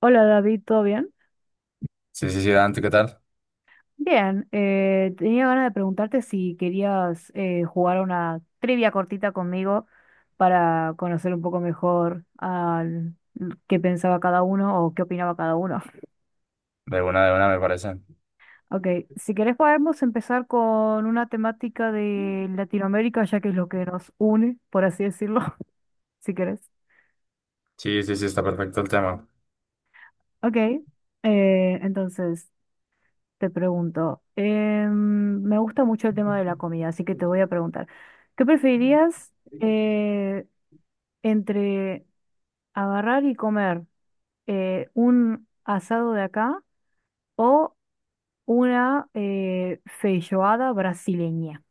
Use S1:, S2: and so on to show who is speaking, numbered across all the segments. S1: Hola David, ¿todo bien?
S2: Sí, sí, sí, Dante, ¿qué tal?
S1: Bien, tenía ganas de preguntarte si querías jugar una trivia cortita conmigo para conocer un poco mejor qué pensaba cada uno o qué opinaba cada uno.
S2: De una, me parece.
S1: Ok, si querés podemos empezar con una temática de Latinoamérica, ya que es lo que nos une, por así decirlo, si querés.
S2: Sí, sí, sí, está perfecto el tema.
S1: Ok, entonces te pregunto, me gusta mucho el tema de la comida, así que te voy a preguntar, ¿qué preferirías entre agarrar y comer un asado de acá o una feijoada brasileña?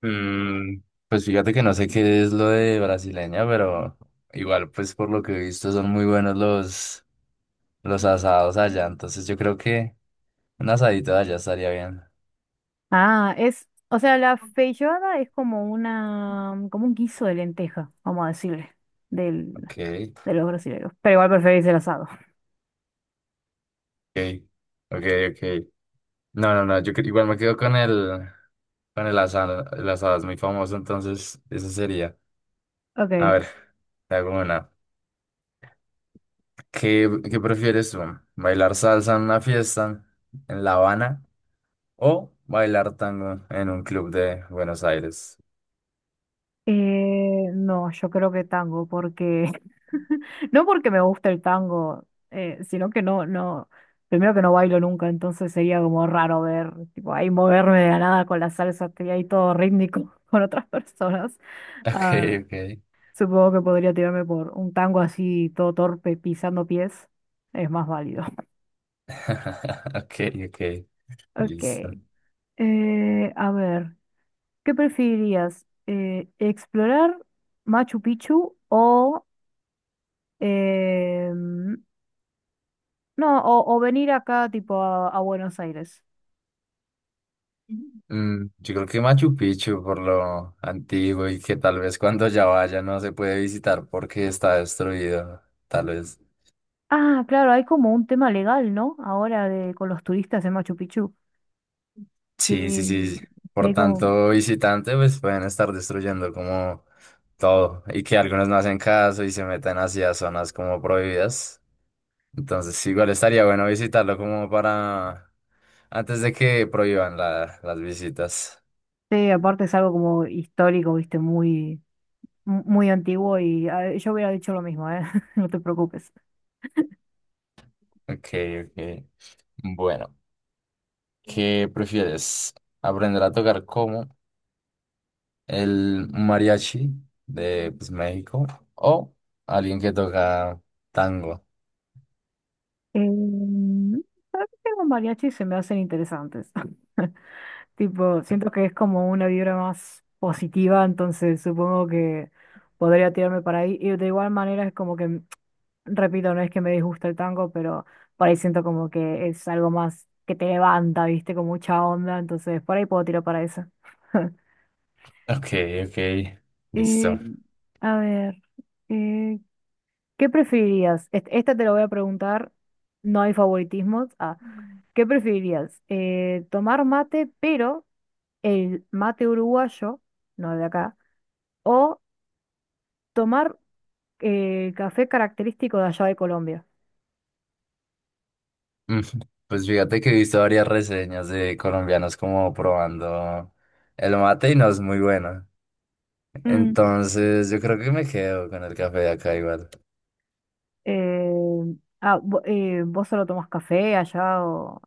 S2: Mm, pues fíjate que no sé qué es lo de brasileña, pero igual, pues por lo que he visto, son muy buenos los asados allá. Entonces yo creo que un asadito de allá estaría bien.
S1: Ah, es, o sea, la feijoada es como una, como un guiso de lenteja, vamos a decirle,
S2: Ok,
S1: de los brasileños. Pero igual preferís el asado.
S2: ok, ok, ok. No, no, no, igual me quedo con con el asado. El asado es muy famoso, entonces eso sería. A
S1: Ok.
S2: ver, te hago una. ¿Qué prefieres tú? ¿Bailar salsa en una fiesta en La Habana o bailar tango en un club de Buenos Aires?
S1: No, yo creo que tango, porque no porque me gusta el tango, sino que no, no, primero que no bailo nunca, entonces sería como raro ver, tipo, ahí moverme de la nada con la salsa, estoy ahí todo rítmico con otras personas.
S2: Ok,
S1: Ah,
S2: ok.
S1: supongo que podría tirarme por un tango así, todo torpe, pisando pies, es más válido.
S2: Ok, ok.
S1: Ok.
S2: Listo.
S1: A ver. ¿Qué preferirías? ¿Explorar Machu Picchu o, em, no, o venir acá tipo a Buenos Aires?
S2: Mm, yo creo que Machu Picchu por lo antiguo y que tal vez cuando ya vaya no se puede visitar porque está destruido, tal vez.
S1: Ah, claro, hay como un tema legal, ¿no? Ahora de, con los turistas en Machu Picchu,
S2: Sí, sí,
S1: que,
S2: sí.
S1: que
S2: Por
S1: hay como...
S2: tanto, visitante, pues pueden estar destruyendo como todo y que algunos no hacen caso y se meten hacia zonas como prohibidas. Entonces, igual estaría bueno visitarlo como para antes de que prohíban las visitas.
S1: Sí, aparte es algo como histórico, viste, muy, muy antiguo y ah, yo hubiera dicho lo mismo, ¿eh? No te preocupes.
S2: Ok, ok. Bueno, ¿qué prefieres? ¿Aprender a tocar como el mariachi de pues, México o alguien que toca tango?
S1: Em, tengo mariachi, se me hacen interesantes. Tipo, siento que es como una vibra más positiva, entonces supongo que podría tirarme para ahí. Y de igual manera es como que, mm, repito, no es que me disgusta el tango, pero por ahí siento como que es algo más que te levanta, viste, con mucha onda, entonces por ahí puedo tirar para eso.
S2: Ok, ok.
S1: Eh,
S2: Listo.
S1: a ver, eh, ¿qué preferirías? Esta te lo voy a preguntar, no hay favoritismos. Ah, ¿qué preferirías? ¿Tomar mate, pero... el mate uruguayo, no de acá, o tomar café característico de allá de Colombia.
S2: Mm, pues fíjate que he visto varias reseñas de colombianos como probando el mate y no es muy bueno.
S1: Mm,
S2: Entonces yo creo que me quedo con el café de acá igual.
S1: Eh, ¿vos solo tomás café allá o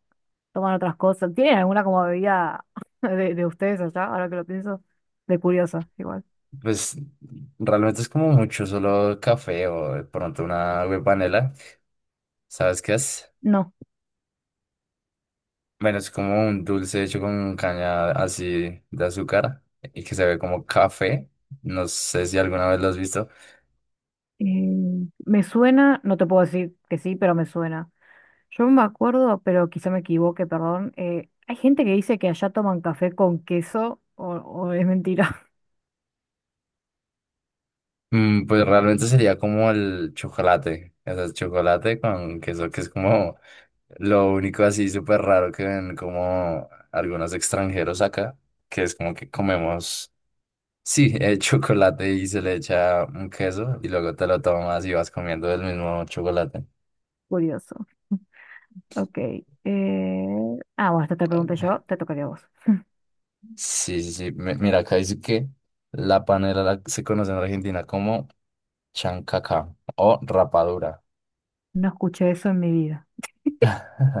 S1: toman otras cosas? ¿Tienen alguna como bebida de ustedes allá? Ahora que lo pienso, de curiosa, igual.
S2: Pues realmente es como mucho, solo café o de pronto una agua de panela. ¿Sabes qué es?
S1: No.
S2: Bueno, es como un dulce hecho con caña así de azúcar y que se ve como café. No sé si alguna vez lo has visto.
S1: Me suena, no te puedo decir que sí, pero me suena. Yo me acuerdo, pero quizá me equivoque, perdón. Hay gente que dice que allá toman café con queso o es mentira.
S2: Mm, pues realmente sería como el chocolate. O sea, el chocolate con queso que es como lo único así súper raro que ven como algunos extranjeros acá, que es como que comemos, sí, chocolate y se le echa un queso y luego te lo tomas y vas comiendo el mismo chocolate.
S1: Curioso. Ok. Ah, bueno, esta te pregunté yo, te tocaría a vos.
S2: Sí, sí, sí. Mira, acá dice que la panela se conoce en Argentina como chancaca o rapadura.
S1: No escuché eso en mi vida.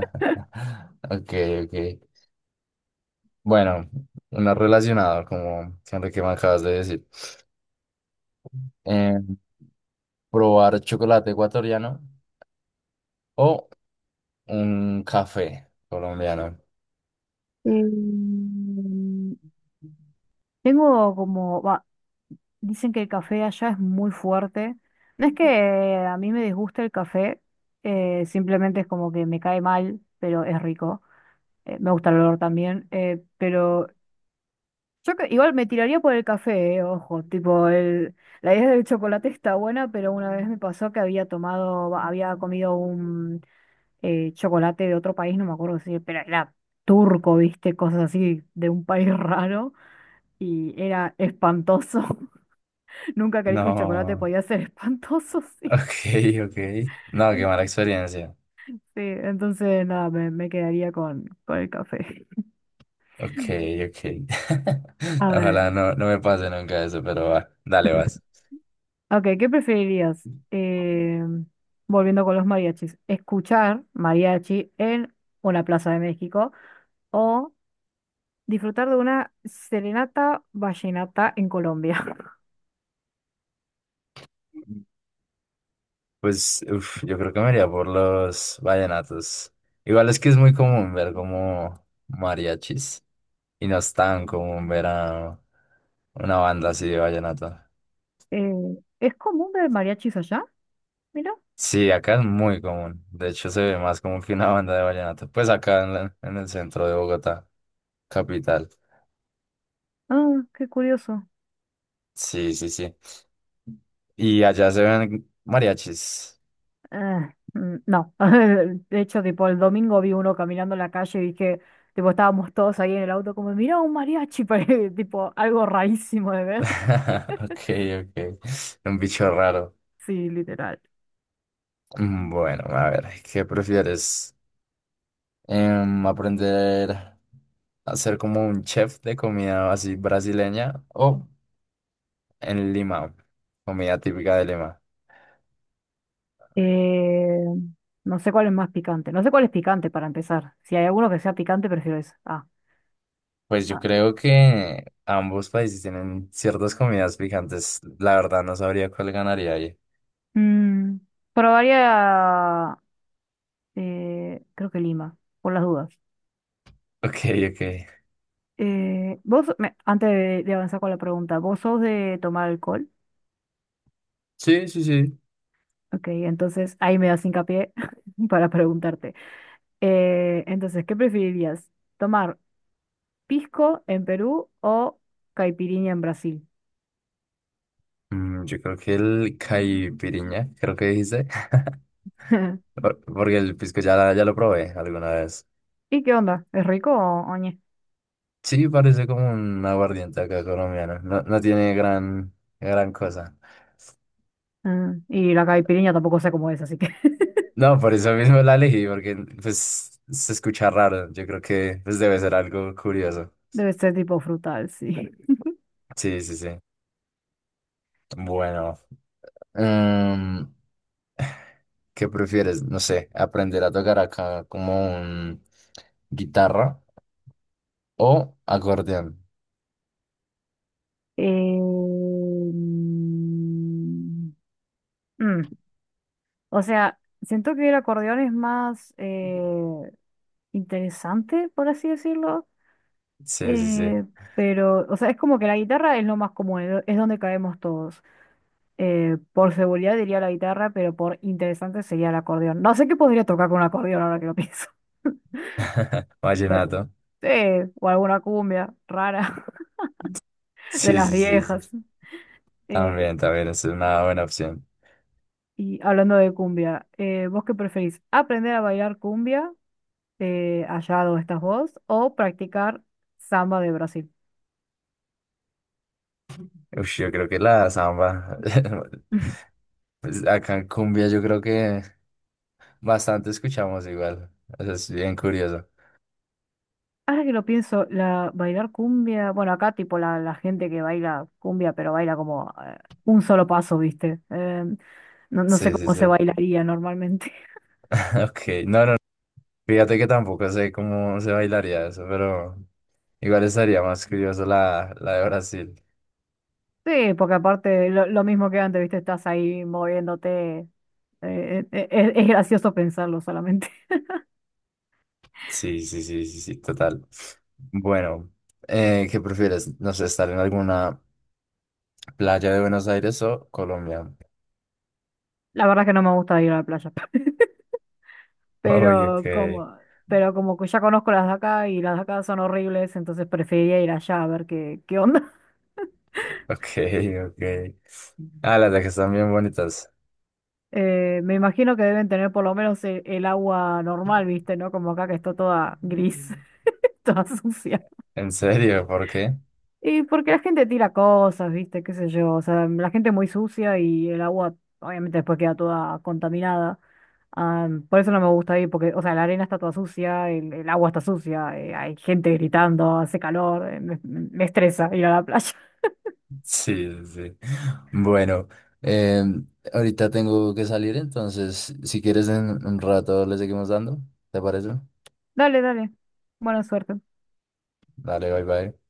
S2: Ok, ok. Bueno, una relacionado como siempre que me acabas de decir. Eh, probar chocolate ecuatoriano o un café colombiano.
S1: Em, tengo como, va, dicen que el café allá es muy fuerte. No es que a mí me disguste el café, simplemente es como que me cae mal, pero es rico. Me gusta el olor también, pero igual me tiraría por el café, ojo, tipo, el, la idea del chocolate está buena, pero una vez me pasó que había tomado, va, había comido chocolate de otro país, no me acuerdo si, pero era turco, viste, cosas así de un país raro y era espantoso. Nunca creí que un chocolate
S2: No,
S1: podía ser espantoso, sí.
S2: ok, ok. No, qué
S1: En-
S2: mala experiencia.
S1: Sí, entonces nada, me quedaría con el café.
S2: Ok, ok.
S1: A ver,
S2: Ojalá no me pase nunca eso, pero va, dale, vas.
S1: ok, ¿qué preferirías? Volviendo con los mariachis, ¿escuchar mariachi en una plaza de México o disfrutar de una serenata vallenata en Colombia?
S2: Pues, uf, yo creo que me iría por los vallenatos. Igual es que es muy común ver como mariachis y no es tan común ver a una banda así de vallenato.
S1: Eh, ¿Es común ver mariachis allá? Mira.
S2: Sí, acá es muy común. De hecho, se ve más como que una banda de vallenato. Pues acá en el centro de Bogotá, capital.
S1: Ah, qué curioso.
S2: Sí, sí, sí. Y allá se ven mariachis.
S1: Ah, mm, no. De hecho, tipo, el domingo vi uno caminando en la calle y dije, tipo, estábamos todos ahí en el auto como, mira, un mariachi, tipo, algo rarísimo de ver.
S2: Ok, ok. Un bicho raro.
S1: Sí, literal.
S2: Mm, bueno, a ver, ¿qué prefieres? Em, ¿aprender a ser como un chef de comida así brasileña o en Lima? Comida típica de Lima.
S1: Eh, no sé cuál es más picante. No sé cuál es picante para empezar. Si hay alguno que sea picante, prefiero ese. Ah.
S2: Pues yo
S1: Ah.
S2: creo que ambos países tienen ciertas comidas picantes. La verdad no sabría cuál ganaría ahí.
S1: Mm, probaría, creo que Lima, por las dudas.
S2: Ok, ok.
S1: Antes de avanzar con la pregunta, ¿vos sos de tomar alcohol?
S2: Sí, sí, sí.
S1: Ok, entonces ahí me das hincapié para preguntarte. Entonces, ¿qué preferirías? ¿Tomar pisco en Perú o caipirinha en Brasil?
S2: Mm, yo creo que el caipiriña, creo que dijiste. Porque el pisco ya, ya lo probé alguna vez.
S1: ¿Y qué onda? ¿Es rico o oñe?
S2: Sí, parece como un aguardiente acá colombiano. No, no tiene gran, gran cosa.
S1: Ah, y la caipirinha tampoco sé cómo es, así que
S2: No, por eso mismo la elegí, porque pues se escucha raro. Yo creo que pues, debe ser algo curioso.
S1: debe ser tipo frutal, sí.
S2: Sí, sí, sí. Bueno. Em, ¿qué prefieres? No sé, aprender a tocar acá como un guitarra o acordeón.
S1: Eh, mm, mm, o sea, siento que el acordeón es más... interesante, por así decirlo.
S2: Sí, sí, sí.
S1: eh, pero, o sea, es como que la guitarra es lo más común, es donde caemos todos. Por seguridad diría la guitarra, pero por interesante sería el acordeón. No sé qué podría tocar con un acordeón ahora que lo pienso. Bueno,
S2: Vallenato.
S1: sí, o alguna cumbia rara de
S2: Sí,
S1: las
S2: sí, sí, sí.
S1: viejas. Eh,
S2: También, también es una buena opción.
S1: y hablando de cumbia, ¿vos qué preferís? ¿Aprender a bailar cumbia allá donde estás vos o practicar samba de Brasil?
S2: Ush, yo creo que la samba. Pues acá en cumbia yo creo que bastante escuchamos igual. Eso es bien curioso.
S1: Ahora que lo pienso, la bailar cumbia, bueno, acá tipo la, la gente que baila cumbia, pero baila como un solo paso, ¿viste? No, no sé
S2: Sí, sí,
S1: cómo
S2: sí.
S1: se bailaría normalmente.
S2: Ok, no, no. Fíjate que tampoco sé cómo se bailaría eso, pero igual estaría más curioso la de Brasil.
S1: Sí, porque aparte lo mismo que antes, ¿viste? Estás ahí moviéndote. Es gracioso pensarlo solamente.
S2: Sí, sí, sí, sí, sí, total. Bueno, ¿qué prefieres? No sé, estar en alguna playa de Buenos Aires o Colombia.
S1: La verdad es que no me gusta ir a la playa,
S2: Uy,
S1: pero
S2: ok,
S1: como, pero como que ya conozco las de acá y las de acá son horribles, entonces preferiría ir allá a ver qué, qué onda.
S2: ok, ok. Ah, las de que están bien bonitas.
S1: Me imagino que deben tener por lo menos el agua normal, ¿viste? ¿No? Como acá que está toda gris, toda sucia.
S2: ¿En serio? ¿Por qué?
S1: Y porque la gente tira cosas, ¿viste? ¿Qué sé yo? O sea, la gente es muy sucia y el agua obviamente después queda toda contaminada. Ah, por eso no me gusta ir, porque, o sea, la arena está toda sucia, el agua está sucia, hay gente gritando, hace calor, me, me estresa ir a la playa.
S2: Sí, sí, sí. Bueno, eh, ahorita tengo que salir, entonces, si quieres en un rato le seguimos dando, ¿te parece?
S1: Dale, dale. Buena suerte.
S2: Dale, bye, bye.